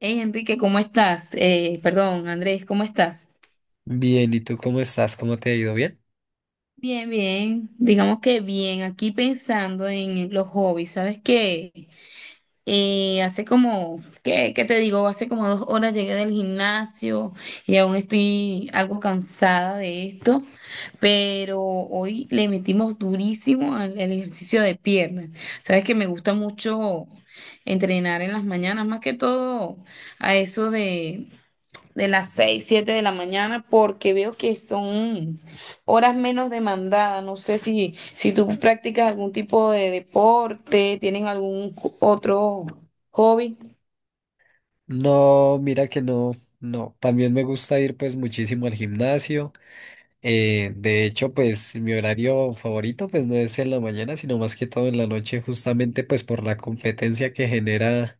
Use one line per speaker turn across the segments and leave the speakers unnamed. Hey Enrique, ¿cómo estás? Perdón, Andrés, ¿cómo estás?
Bien, ¿y tú cómo estás? ¿Cómo te ha ido? ¿Bien?
Bien, bien, digamos que bien, aquí pensando en los hobbies, ¿sabes qué? Hace como, ¿qué, qué te digo? Hace como dos horas llegué del gimnasio y aún estoy algo cansada de esto, pero hoy le metimos durísimo al ejercicio de piernas. ¿Sabes que me gusta mucho entrenar en las mañanas, más que todo a eso de las 6 7 de la mañana, porque veo que son horas menos demandadas? No sé si tú practicas algún tipo de deporte, tienen algún otro hobby.
No, mira que no, no. También me gusta ir pues muchísimo al gimnasio. De hecho, pues mi horario favorito pues no es en la mañana, sino más que todo en la noche, justamente pues por la competencia que genera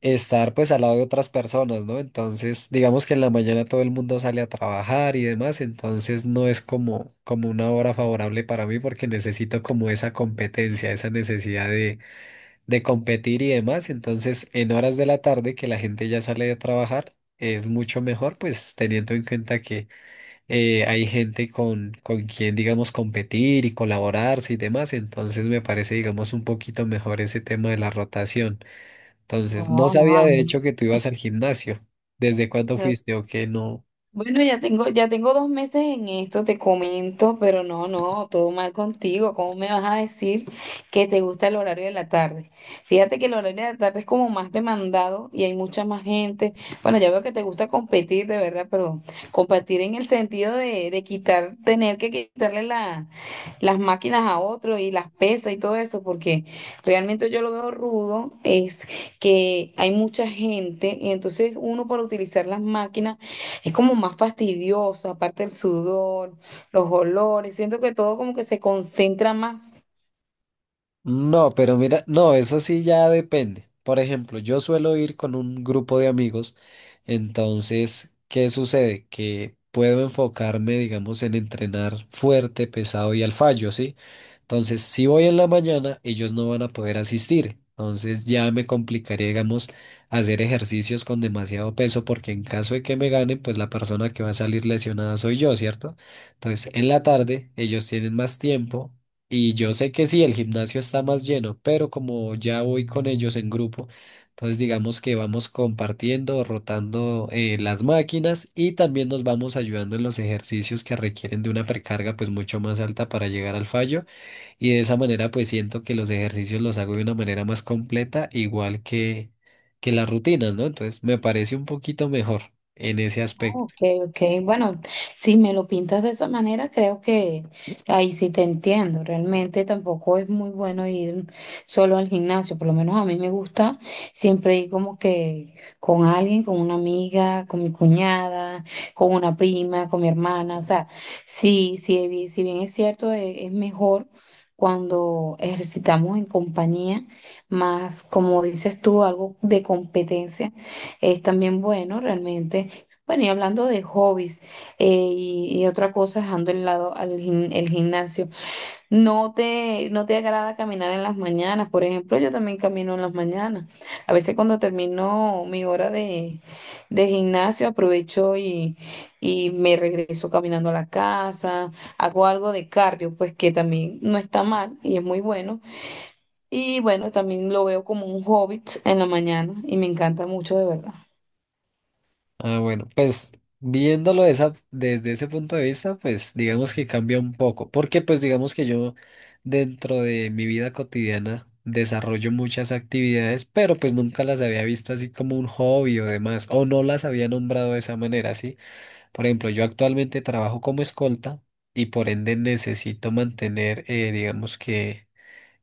estar pues al lado de otras personas, ¿no? Entonces, digamos que en la mañana todo el mundo sale a trabajar y demás, entonces no es como una hora favorable para mí porque necesito como esa competencia, esa necesidad de competir y demás. Entonces, en horas de la tarde que la gente ya sale de trabajar, es mucho mejor, pues teniendo en cuenta que hay gente con quien, digamos, competir y colaborarse y demás. Entonces, me parece, digamos, un poquito mejor ese tema de la rotación. Entonces, no
No, no,
sabía de
Andrés.
hecho que tú ibas al gimnasio. ¿Desde cuándo fuiste o qué no?
Bueno, ya tengo dos meses en esto, te comento, pero no, no, todo mal contigo. ¿Cómo me vas a decir que te gusta el horario de la tarde? Fíjate que el horario de la tarde es como más demandado y hay mucha más gente. Bueno, ya veo que te gusta competir, de verdad, pero competir en el sentido de quitar, tener que quitarle las máquinas a otro y las pesas y todo eso, porque realmente yo lo veo rudo, es que hay mucha gente y entonces uno para utilizar las máquinas es como más fastidioso, aparte el sudor, los olores, siento que todo como que se concentra más.
No, pero mira, no, eso sí ya depende. Por ejemplo, yo suelo ir con un grupo de amigos, entonces, ¿qué sucede? Que puedo enfocarme, digamos, en entrenar fuerte, pesado y al fallo, ¿sí? Entonces, si voy en la mañana, ellos no van a poder asistir. Entonces, ya me complicaría, digamos, hacer ejercicios con demasiado peso, porque en caso de que me ganen, pues la persona que va a salir lesionada soy yo, ¿cierto? Entonces, en la
Sí.
tarde, ellos tienen más tiempo. Y yo sé que sí, el gimnasio está más lleno, pero como ya voy con ellos en grupo, entonces digamos que vamos compartiendo, rotando, las máquinas y también nos vamos ayudando en los ejercicios que requieren de una precarga pues mucho más alta para llegar al fallo y de esa manera pues siento que los ejercicios los hago de una manera más completa, igual que las rutinas, ¿no? Entonces me parece un poquito mejor en ese aspecto.
Ok, ok. Bueno, si me lo pintas de esa manera, creo que ahí sí te entiendo. Realmente tampoco es muy bueno ir solo al gimnasio. Por lo menos a mí me gusta siempre ir como que con alguien, con una amiga, con mi cuñada, con una prima, con mi hermana. O sea, sí, sí, si bien es cierto, es mejor cuando ejercitamos en compañía, más como dices tú, algo de competencia es también bueno realmente. Bueno, y hablando de hobbies y otra cosa, dejando el lado al el gimnasio, ¿no te agrada caminar en las mañanas? Por ejemplo, yo también camino en las mañanas. A veces cuando termino mi hora de gimnasio, aprovecho y me regreso caminando a la casa, hago algo de cardio, pues que también no está mal y es muy bueno. Y bueno, también lo veo como un hobby en la mañana y me encanta mucho de verdad.
Ah, bueno, pues desde ese punto de vista, pues digamos que cambia un poco, porque pues digamos que yo dentro de mi vida cotidiana desarrollo muchas actividades, pero pues nunca las había visto así como un hobby o demás, o no las había nombrado de esa manera, ¿sí? Por ejemplo, yo actualmente trabajo como escolta y por ende necesito mantener, digamos que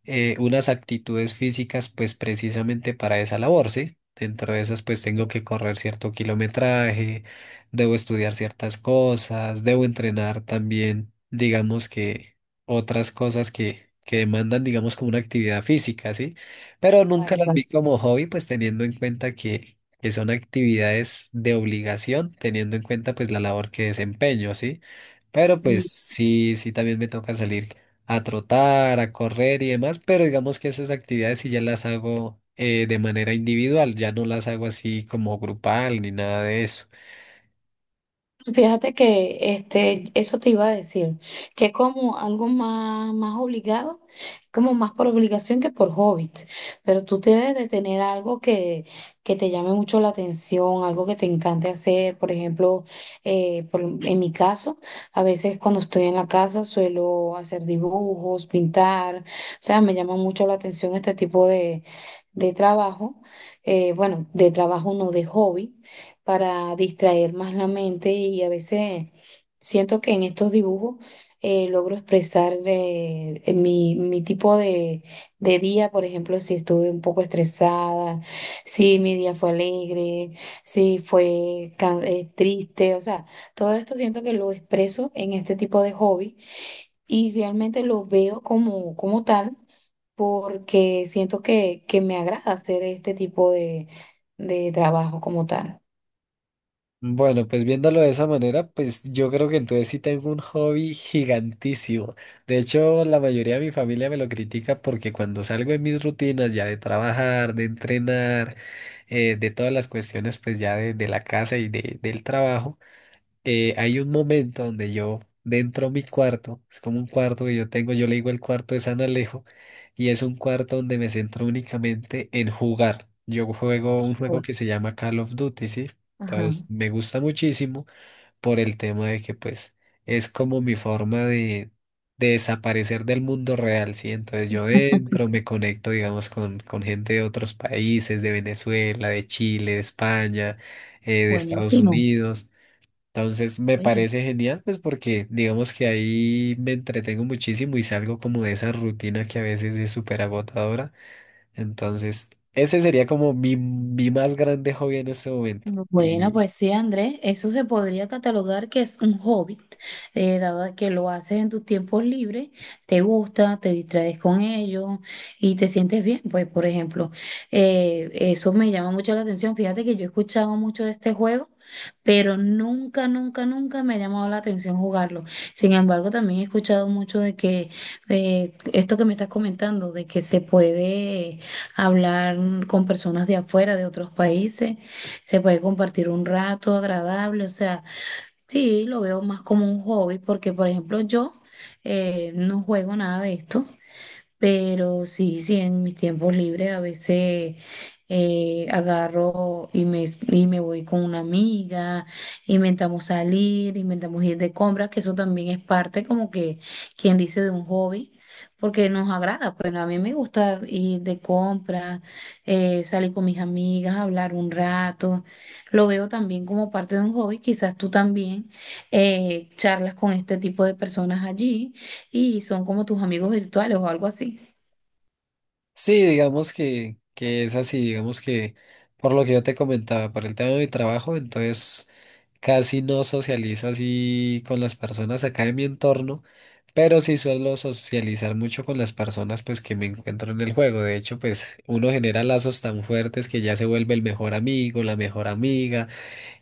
unas actitudes físicas pues precisamente para esa labor, ¿sí? Dentro de esas pues tengo que correr cierto kilometraje, debo estudiar ciertas cosas, debo entrenar también, digamos que otras cosas que demandan digamos como una actividad física, ¿sí? Pero nunca
Claro,
las
claro.
vi como hobby pues teniendo en cuenta que son actividades de obligación, teniendo en cuenta pues la labor que desempeño, ¿sí? Pero pues sí, sí también me toca salir a trotar, a correr y demás, pero digamos que esas actividades sí ya las hago de manera individual, ya no las hago así como grupal ni nada de eso.
Fíjate que este, eso te iba a decir, que es como algo más, más obligado, como más por obligación que por hobby, pero tú debes de tener algo que te llame mucho la atención, algo que te encante hacer. Por ejemplo, en mi caso, a veces cuando estoy en la casa suelo hacer dibujos, pintar, o sea, me llama mucho la atención este tipo de trabajo, bueno, de trabajo no, de hobby, para distraer más la mente, y a veces siento que en estos dibujos logro expresar mi tipo de día. Por ejemplo, si estuve un poco estresada, si mi día fue alegre, si fue triste, o sea, todo esto siento que lo expreso en este tipo de hobby y realmente lo veo como, como tal, porque siento que me agrada hacer este tipo de trabajo como tal.
Bueno, pues viéndolo de esa manera, pues yo creo que entonces sí tengo un hobby gigantísimo. De hecho, la mayoría de mi familia me lo critica porque cuando salgo de mis rutinas ya de trabajar, de entrenar, de todas las cuestiones pues ya de la casa y del trabajo, hay un momento donde yo dentro de mi cuarto, es como un cuarto que yo tengo, yo le digo el cuarto de San Alejo, y es un cuarto donde me centro únicamente en jugar. Yo juego un juego que se llama Call of Duty, ¿sí?
Ajá.
Entonces me gusta muchísimo por el tema de que pues es como mi forma de desaparecer del mundo real, ¿sí? Entonces yo dentro me conecto, digamos, con gente de otros países, de Venezuela, de Chile, de España, de Estados
Buenísimo.
Unidos. Entonces me
Oye.
parece genial, pues porque digamos que ahí me entretengo muchísimo y salgo como de esa rutina que a veces es súper agotadora. Entonces, ese sería como mi más grande hobby en este momento.
Bueno, pues sí, Andrés, eso se podría catalogar que es un hobby, dado que lo haces en tus tiempos libres, te gusta, te distraes con ello y te sientes bien. Pues, por ejemplo, eso me llama mucho la atención. Fíjate que yo he escuchado mucho de este juego, pero nunca, nunca, nunca me ha llamado la atención jugarlo. Sin embargo, también he escuchado mucho de que esto que me estás comentando, de que se puede hablar con personas de afuera, de otros países, se puede compartir un rato agradable. O sea, sí, lo veo más como un hobby porque, por ejemplo, yo no juego nada de esto, pero sí, sí, en mis tiempos libres a veces agarro y me voy con una amiga, inventamos salir, inventamos ir de compras, que eso también es parte como que, quien dice, de un hobby, porque nos agrada. Bueno, a mí me gusta ir de compras, salir con mis amigas, hablar un rato. Lo veo también como parte de un hobby. Quizás tú también charlas con este tipo de personas allí y son como tus amigos virtuales o algo así.
Sí, digamos que es así, digamos que por lo que yo te comentaba, por el tema de mi trabajo, entonces casi no socializo así con las personas acá de mi entorno, pero sí suelo socializar mucho con las personas pues que me encuentro en el juego. De hecho, pues uno genera lazos tan fuertes que ya se vuelve el mejor amigo, la mejor amiga.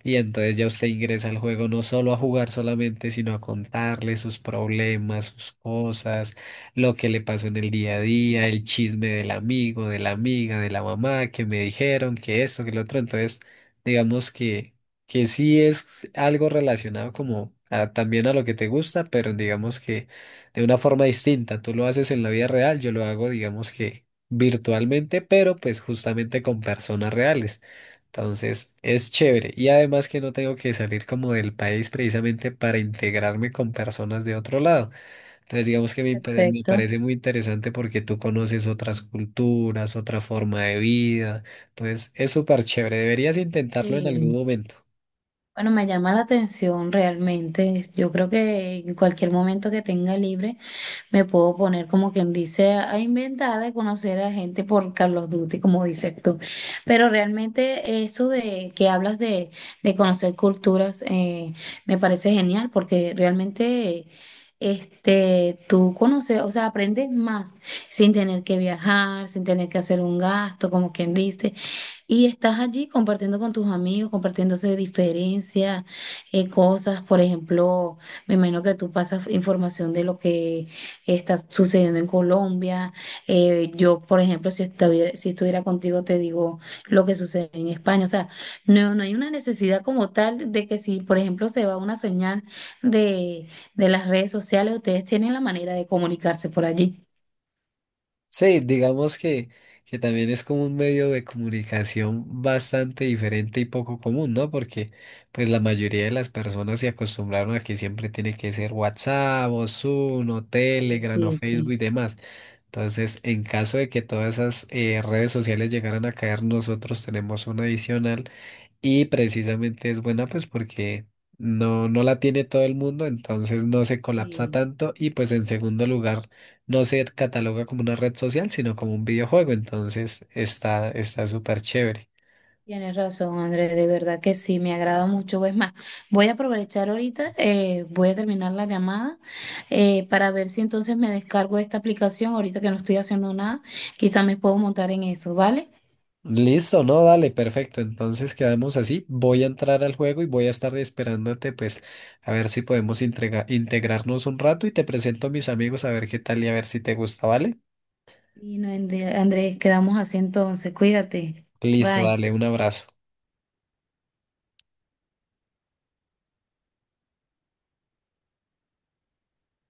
Y entonces ya usted ingresa al juego no solo a jugar solamente, sino a contarle sus problemas, sus cosas, lo que le pasó en el día a día, el chisme del amigo, de la amiga, de la mamá, que me dijeron, que esto, que lo otro. Entonces, digamos que sí es algo relacionado como también a lo que te gusta, pero digamos que de una forma distinta. Tú lo haces en la vida real, yo lo hago, digamos que virtualmente, pero pues justamente con personas reales. Entonces, es chévere. Y además que no tengo que salir como del país precisamente para integrarme con personas de otro lado. Entonces, digamos que me
Perfecto.
parece muy interesante porque tú conoces otras culturas, otra forma de vida. Entonces, es súper chévere. Deberías intentarlo en algún
Sí.
momento.
Bueno, me llama la atención realmente. Yo creo que en cualquier momento que tenga libre me puedo poner como quien dice a inventar, de conocer a gente por Carlos Duty, como dices tú. Pero realmente eso de que hablas de conocer culturas me parece genial porque realmente este, tú conoces, o sea, aprendes más sin tener que viajar, sin tener que hacer un gasto, como quien dice. Y estás allí compartiendo con tus amigos, compartiéndose diferencias, cosas. Por ejemplo, me imagino que tú pasas información de lo que está sucediendo en Colombia. Yo, por ejemplo, si estuviera contigo, te digo lo que sucede en España. O sea, no, no hay una necesidad como tal de que si, por ejemplo, se va una señal de, de las redes sociales, ustedes tienen la manera de comunicarse por allí.
Sí, digamos que también es como un medio de comunicación bastante diferente y poco común, ¿no? Porque pues la mayoría de las personas se acostumbraron a que siempre tiene que ser WhatsApp o Zoom o
Sí,
Telegram o
sí,
Facebook
sí.
y demás. Entonces, en caso de que todas esas redes sociales llegaran a caer, nosotros tenemos una adicional y precisamente es buena pues porque no, no la tiene todo el mundo, entonces no se colapsa
Sí.
tanto y pues en segundo lugar no se cataloga como una red social, sino como un videojuego, entonces está súper chévere.
Tienes razón, Andrés, de verdad que sí, me agrada mucho. Es más, voy a aprovechar ahorita, voy a terminar la llamada para ver si entonces me descargo esta aplicación, ahorita que no estoy haciendo nada, quizá me puedo montar en eso, ¿vale?
Listo, no, dale, perfecto. Entonces quedamos así. Voy a entrar al juego y voy a estar esperándote, pues, a ver si podemos integrarnos un rato y te presento a mis amigos a ver qué tal y a ver si te gusta, ¿vale?
Y no, Andrés, quedamos así entonces, cuídate.
Listo,
Bye.
dale, un abrazo.